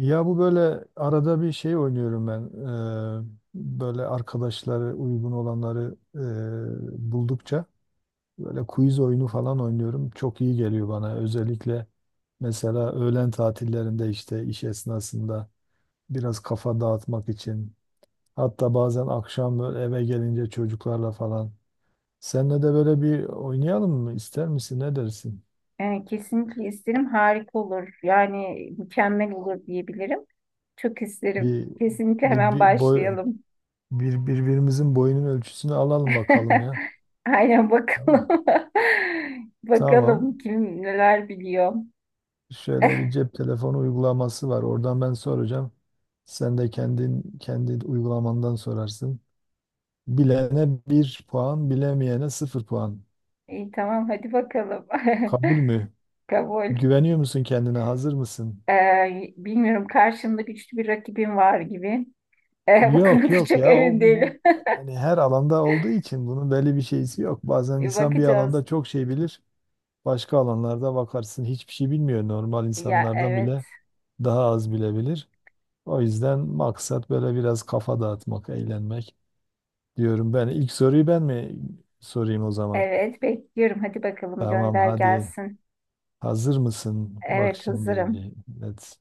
Ya bu böyle arada bir şey oynuyorum ben. Böyle arkadaşları uygun olanları buldukça böyle quiz oyunu falan oynuyorum. Çok iyi geliyor bana. Özellikle mesela öğlen tatillerinde işte iş esnasında biraz kafa dağıtmak için. Hatta bazen akşam böyle eve gelince çocuklarla falan. Seninle de böyle bir oynayalım mı? İster misin? Ne dersin? Kesinlikle isterim. Harika olur. Yani mükemmel olur diyebilirim. Çok isterim. Bir Kesinlikle bir, hemen bir boy başlayalım. birbirimizin boyunun ölçüsünü alalım bakalım ya. Aynen Tamam. bakalım. Tamam. Bakalım kim neler biliyor. Şöyle bir cep telefonu uygulaması var. Oradan ben soracağım. Sen de kendin kendi uygulamandan sorarsın. Bilene bir puan, bilemeyene sıfır puan. İyi, tamam, hadi bakalım. Kabul mü? Kabul. Güveniyor musun kendine? Hazır mısın? Bilmiyorum, karşımda güçlü bir rakibim var gibi. Bu Yok konuda yok çok ya emin değilim. yani her alanda olduğu için bunun belli bir şeysi yok. Bazen insan bir Bakacağız. alanda çok şey bilir. Başka alanlarda bakarsın hiçbir şey bilmiyor. Normal Ya, insanlardan evet. bile daha az bilebilir. O yüzden maksat böyle biraz kafa dağıtmak, eğlenmek diyorum ben. İlk soruyu ben mi sorayım o zaman? Evet, bekliyorum. Hadi bakalım, Tamam gönder hadi. gelsin. Hazır mısın? Bak Evet, şimdi. hazırım. Evet.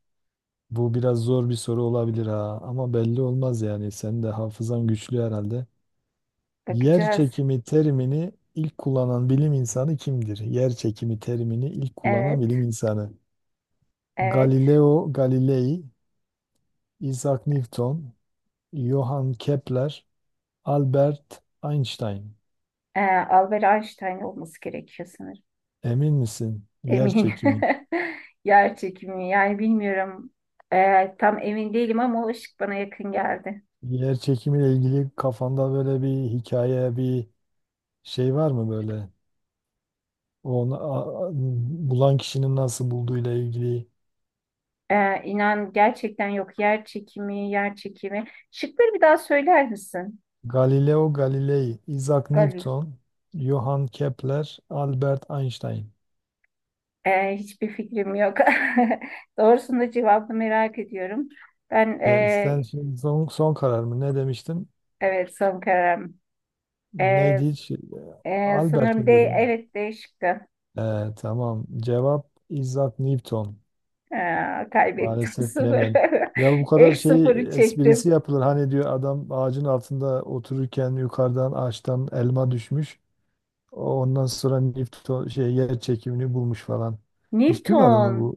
Bu biraz zor bir soru olabilir ha, ama belli olmaz yani. Senin de hafızan güçlü herhalde. Yer Bakacağız. çekimi terimini ilk kullanan bilim insanı kimdir? Yer çekimi terimini ilk kullanan Evet, bilim insanı. evet. Galileo Galilei, Isaac Newton, Johann Kepler, Albert Einstein. Albert Einstein olması gerekiyor sanırım. Emin misin? Yer Eminim. çekimi. Yer çekimi. Yani bilmiyorum. Tam emin değilim ama o ışık bana yakın geldi. Yer çekimiyle ilgili kafanda böyle bir hikaye, bir şey var mı böyle? Onu bulan kişinin nasıl bulduğuyla ilgili. İnan gerçekten yok. Yer çekimi, yer çekimi. Şıkları bir daha söyler misin? Galileo Galilei, Isaac Galil. Newton, Johann Kepler, Albert Einstein. Hiçbir fikrim yok. Doğrusunu, cevabını merak ediyorum. Ben Ya sen şimdi son karar mı? Ne demiştin? evet, son kararım. Ee, Neydi hiç? Albert Sanırım D, mi dedin? evet D şıkkı. Ee, tamam. Cevap Isaac Newton. Aa, kaybettim Maalesef bilemem. sıfırı. Ya bu kadar İlk şey sıfırı çektim. esprisi yapılır. Hani diyor adam ağacın altında otururken yukarıdan ağaçtan elma düşmüş. Ondan sonra Newton şey yer çekimini bulmuş falan. Hiç duymadın mı Newton. bu?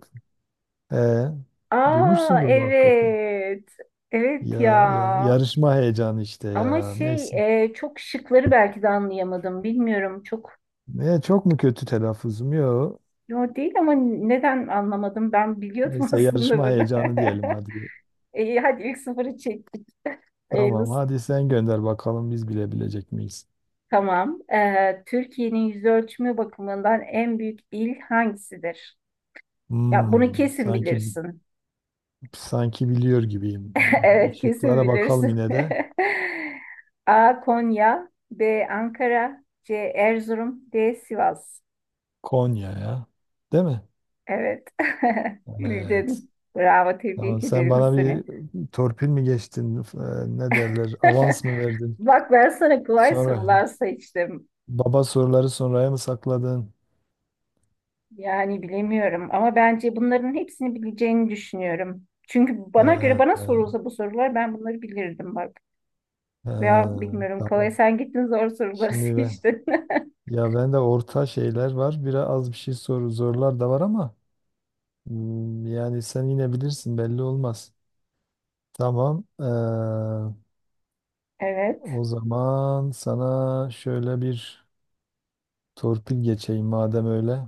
Ee, Aa, duymuşsundur muhakkak ya. evet. Evet ya. Ya yarışma heyecanı işte Ama ya. şey, Neyse. Çok şıkları belki de anlayamadım. Bilmiyorum çok. Ne, çok mu kötü telaffuzum? Yok. Yo, değil, ama neden anlamadım? Ben biliyordum Neyse aslında yarışma bunu. heyecanı diyelim hadi. İyi, hadi ilk sıfırı çektik. Tamam Hayırlısı. hadi sen gönder bakalım biz bilebilecek miyiz? Tamam. Türkiye'nin yüz ölçümü bakımından en büyük il hangisidir? Ya bunu Hmm, kesin sanki bilirsin. Sanki biliyor gibiyim. Bir Evet, kesin Şıklara bakalım bilirsin. yine de. A. Konya, B. Ankara, C. Erzurum, D. Sivas. Konya ya. Değil mi? Evet. Evet. Bildin. Bravo, Tamam, tebrik sen ederim bana seni. bir torpil mi geçtin? Ne derler? Avans mı verdin? Bak, ben sana kolay Sonra sorular seçtim. baba soruları sonraya mı sakladın? Yani bilemiyorum ama bence bunların hepsini bileceğini düşünüyorum. Çünkü Ee, bana göre, bana e, sorulsa bu sorular, ben bunları bilirdim bak. e, Veya bilmiyorum, kolay tamam. sen gittin, zor soruları Şimdi ben seçtin. ya ben de orta şeyler var. Biraz az bir şey soru zorlar da var ama yani sen yine bilirsin, belli olmaz. Tamam. Evet. O zaman sana şöyle bir torpil geçeyim madem öyle.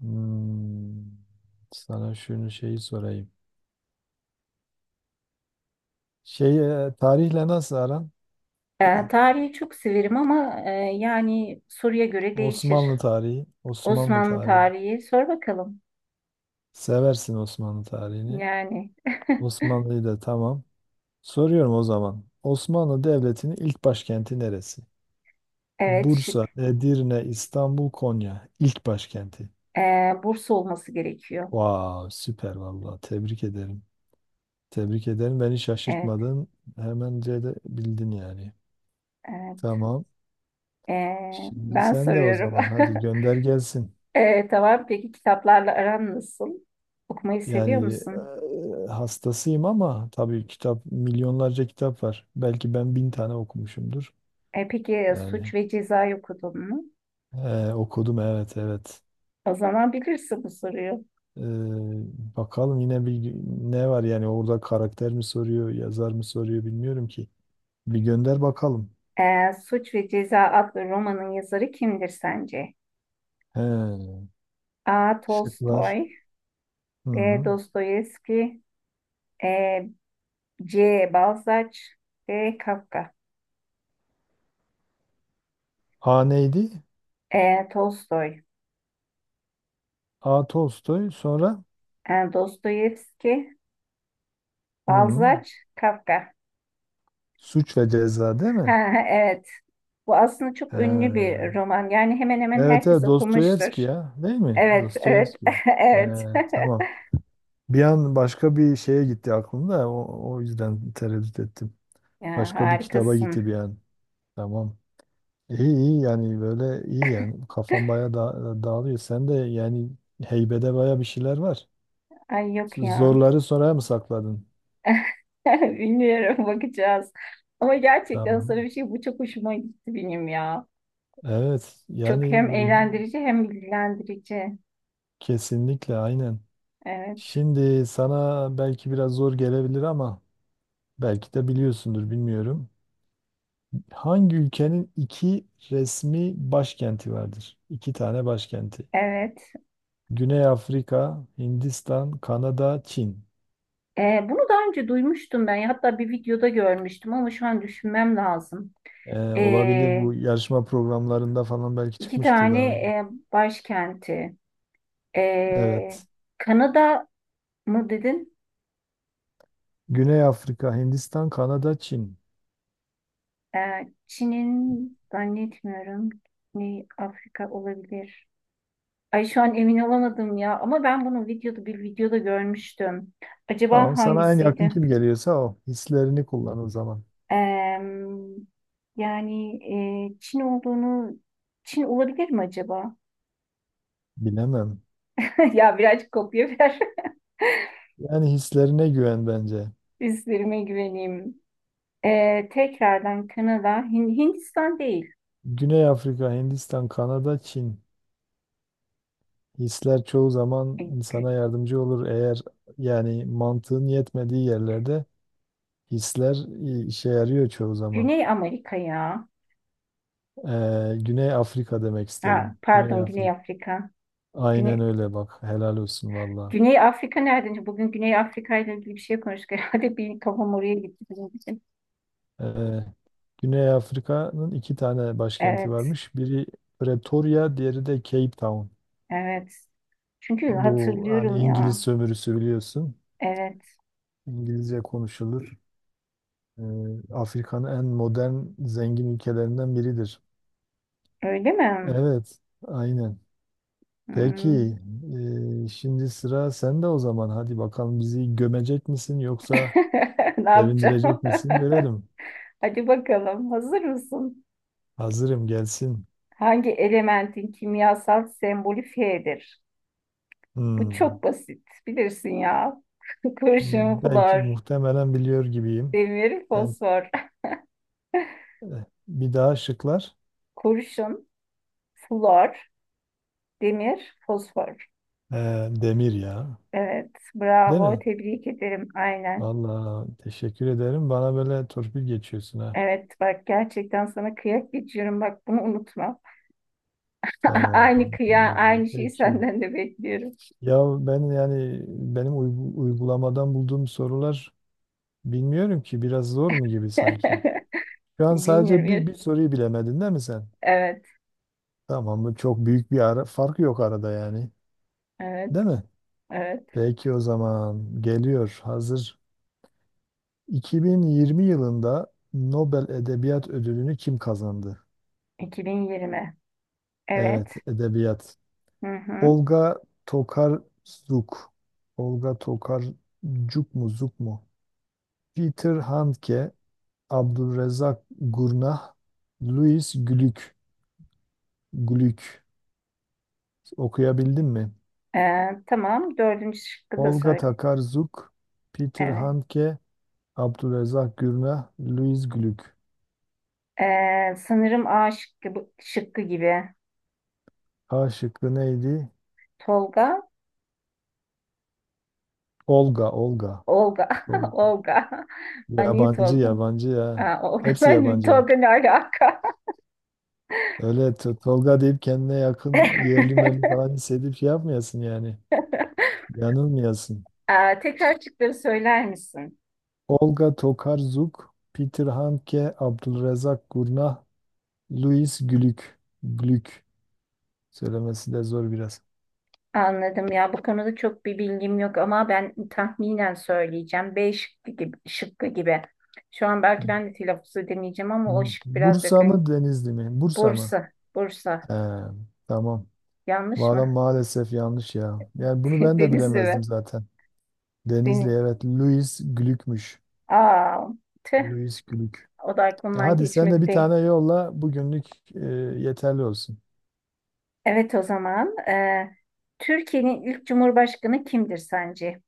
Hmm, sana şunu şeyi sorayım. Şey, tarihle nasıl aran? Tarihi çok severim ama yani soruya göre değişir. Osmanlı tarihi, Osmanlı Osmanlı tarihi. tarihi sor bakalım. Seversin Osmanlı tarihini. Yani, Osmanlı'yı da tamam. Soruyorum o zaman. Osmanlı Devleti'nin ilk başkenti neresi? evet, Bursa, şık. Edirne, İstanbul, Konya. İlk başkenti. E, Bursa olması gerekiyor. Vav, süper vallahi. Tebrik ederim. Tebrik ederim. Beni Evet. şaşırtmadın. Hemen de bildin yani. Tamam. Şimdi Ben sen de o soruyorum. zaman hadi gönder gelsin. Tamam, peki kitaplarla aran nasıl? Okumayı seviyor Yani musun? Hastasıyım, ama tabii kitap, milyonlarca kitap var. Belki ben bin tane okumuşumdur. Peki, Suç Yani ve Ceza'yı okudun mu? Okudum, evet evet. O zaman bilirsin bu soruyu. E, bakalım yine bir, ne var yani, orada karakter mi soruyor, yazar mı soruyor, bilmiyorum ki. Bir gönder bakalım. Suç ve Ceza adlı romanın yazarı kimdir sence? He, A. şıklar. Tolstoy, B. Hı. Dostoyevski, E, C. Balzac, D. Kafka, A neydi? E. Tolstoy, A. Tolstoy sonra Dostoyevski, hı, Balzac, Kafka. Suç ve Ceza değil Ha, mi? evet, bu aslında çok He. ünlü bir roman. Yani hemen hemen Evet herkes evet, okumuştur. Dostoyevski ya, değil mi? Evet, evet, Dostoyevski. He, evet. tamam. Bir an başka bir şeye gitti aklımda, o yüzden tereddüt ettim. Ya Başka bir kitaba gitti harikasın. bir an. Tamam. İyi iyi, yani böyle iyi, yani kafam baya da dağılıyor. Sen de yani heybede baya bir şeyler var. Ay, yok ya. Zorları sonraya mı sakladın? Bilmiyorum, bakacağız, ama gerçekten sana Tamam. bir şey, bu çok hoşuma gitti benim ya. Evet Çok yani hem böyle, eğlendirici hem bilgilendirici. kesinlikle, aynen. Evet, Şimdi sana belki biraz zor gelebilir, ama belki de biliyorsundur, bilmiyorum. Hangi ülkenin iki resmi başkenti vardır? İki tane başkenti. evet. Güney Afrika, Hindistan, Kanada, Çin. Bunu daha önce duymuştum ben. Hatta bir videoda görmüştüm ama şu an düşünmem lazım. Olabilir Ee, bu, yarışma programlarında falan belki iki çıkmıştır tane daha önce. Başkenti. Ee, Evet. Kanada mı dedin? Güney Afrika, Hindistan, Kanada, Çin. Ee, Çin'in zannetmiyorum. Ne, Afrika olabilir. Ay, şu an emin olamadım ya. Ama ben bunu videoda, bir videoda görmüştüm. Tamam, Acaba sana en yakın hangisiydi? kim geliyorsa o. Hislerini kullan o zaman. Ee, Yani, e, Çin olduğunu Çin olabilir mi acaba? Bilemem. Ya birazcık kopya ver. Yani hislerine güven bence. Üstlerime güveneyim. Tekrardan Kanada, Hindistan değil. Güney Afrika, Hindistan, Kanada, Çin. Hisler çoğu zaman E, Gü- insana yardımcı olur. Eğer yani mantığın yetmediği yerlerde hisler işe yarıyor çoğu zaman. Güney Amerika ya. Güney Afrika demek Ha, istedim. Güney pardon, Güney Afrika. Afrika. Aynen Güney, öyle bak. Helal olsun valla. Güney Afrika nereden? Bugün Güney Afrika ile ilgili bir şey konuştuk. Herhalde bir kafam oraya gitti bizim için. Ee, Güney Afrika'nın iki tane başkenti Evet, varmış. Biri Pretoria, diğeri de Cape Town. evet. Çünkü Bu hani hatırlıyorum İngiliz ya. sömürüsü, biliyorsun. Evet. İngilizce konuşulur. Ee, Afrika'nın en modern, zengin ülkelerinden biridir. Öyle mi? Evet, aynen. Hmm. Peki, şimdi sıra sende o zaman. Hadi bakalım, bizi gömecek misin yoksa Ne yapacağım? sevindirecek misin? Görelim. Hadi bakalım. Hazır mısın? Hazırım, gelsin. Hangi elementin kimyasal sembolü Fe'dir? Bu Hmm. çok basit. Bilirsin ya. Kurşun, Belki flor, muhtemelen biliyor gibiyim. demir, Ben, fosfor. Bir daha şıklar. Kurşun, flor, demir, fosfor. Demir ya. Evet, Değil bravo. mi? Tebrik ederim. Aynen. Vallahi teşekkür ederim. Bana böyle torpil geçiyorsun ha. Evet, bak gerçekten sana kıyak geçiyorum. Bak, bunu unutma. Aynı Tamam. kıya, aynı şeyi Peki. senden de bekliyorum. Ya ben, yani benim uygulamadan bulduğum sorular, bilmiyorum ki, biraz zor mu gibi sanki. Şu an sadece bir, 2020. bir soruyu bilemedin değil mi sen? Evet, Tamam mı? Çok büyük bir fark yok arada yani. evet, Değil mi? evet. Peki o zaman, geliyor, hazır. 2020 yılında Nobel Edebiyat Ödülünü kim kazandı? 2020. Evet. Evet, edebiyat. Hı hı. Olga Tokarczuk. Olga Tokarczuk mu, Zuk mu? Peter Handke, Abdülrezzak Gurnah, Louis Glück, Glück okuyabildim mi? Tamam. Dördüncü şıkkı da Olga söyle. Takarzuk, Peter Evet. Handke, Abdülrezzak Gurnah, Louis Glück. Sanırım A şıkkı, şıkkı gibi. A şıkkı neydi? Tolga, Olga, Olga. Olga, Tol- Olga. Ben niye Yabancı, Tolga? yabancı ya. Ha, Olga. Hepsi Ben yabancı. Tolga, ne alaka? Öyle Tolga deyip kendine yakın, yerli meli falan hissedip şey yapmayasın yani. Yanılmayasın. Tekrar şıkları söyler misin? Olga Tokarzuk, Peter Handke, Abdülrezzak Gurnah, Louis Glück. Glück. Söylemesi de zor biraz. Anladım ya. Bu konuda çok bir bilgim yok ama ben tahminen söyleyeceğim. B şıkkı gibi, şıkkı gibi. Şu an belki ben de telaffuz edemeyeceğim ama o şık biraz Bursa mı, yakın. Denizli mi? Bursa mı? Bursa, Bursa. He, tamam. Yanlış Valla mı? maalesef yanlış ya. Yani bunu ben de Denizli mi? bilemezdim zaten. Denizli Deniz. evet. Louis Glück'müş. Aa, tüh, Louis Glück. o da E aklımdan hadi sen de geçmedi bir değil. tane yolla, bugünlük e, yeterli olsun. Evet, o zaman Türkiye'nin ilk cumhurbaşkanı kimdir sence?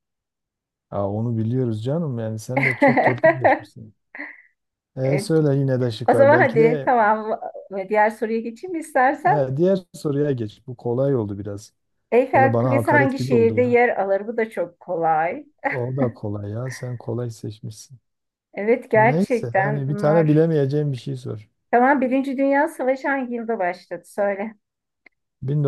Aa, onu biliyoruz canım, yani sen de çok torpil geçmişsin. E, E, söyle yine de O şıklar. zaman Belki hadi de, tamam, diğer soruya geçeyim mi istersen. he, diğer soruya geç. Bu kolay oldu biraz. Böyle Eyfel bana Kulesi hakaret hangi gibi oldu şehirde ya. yer alır? Bu da çok kolay. O da kolay ya. Sen kolay seçmişsin. Evet, Neyse, gerçekten hani bir tane bunlar. bilemeyeceğim bir şey sor. Tamam, Birinci Dünya Savaşı hangi yılda başladı? Söyle.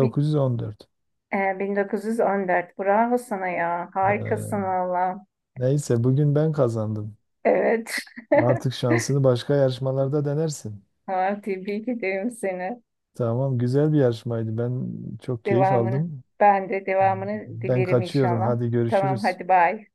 Bi- 1914. Bravo sana ya. Harikasın Ee, valla. neyse bugün ben kazandım. Evet. Artık şansını başka yarışmalarda denersin. Ha, tebrik ederim seni. Tamam, güzel bir yarışmaydı. Ben çok keyif Devamını. aldım. Ben de devamını Ben dilerim kaçıyorum. inşallah. Hadi Tamam, görüşürüz. hadi bay.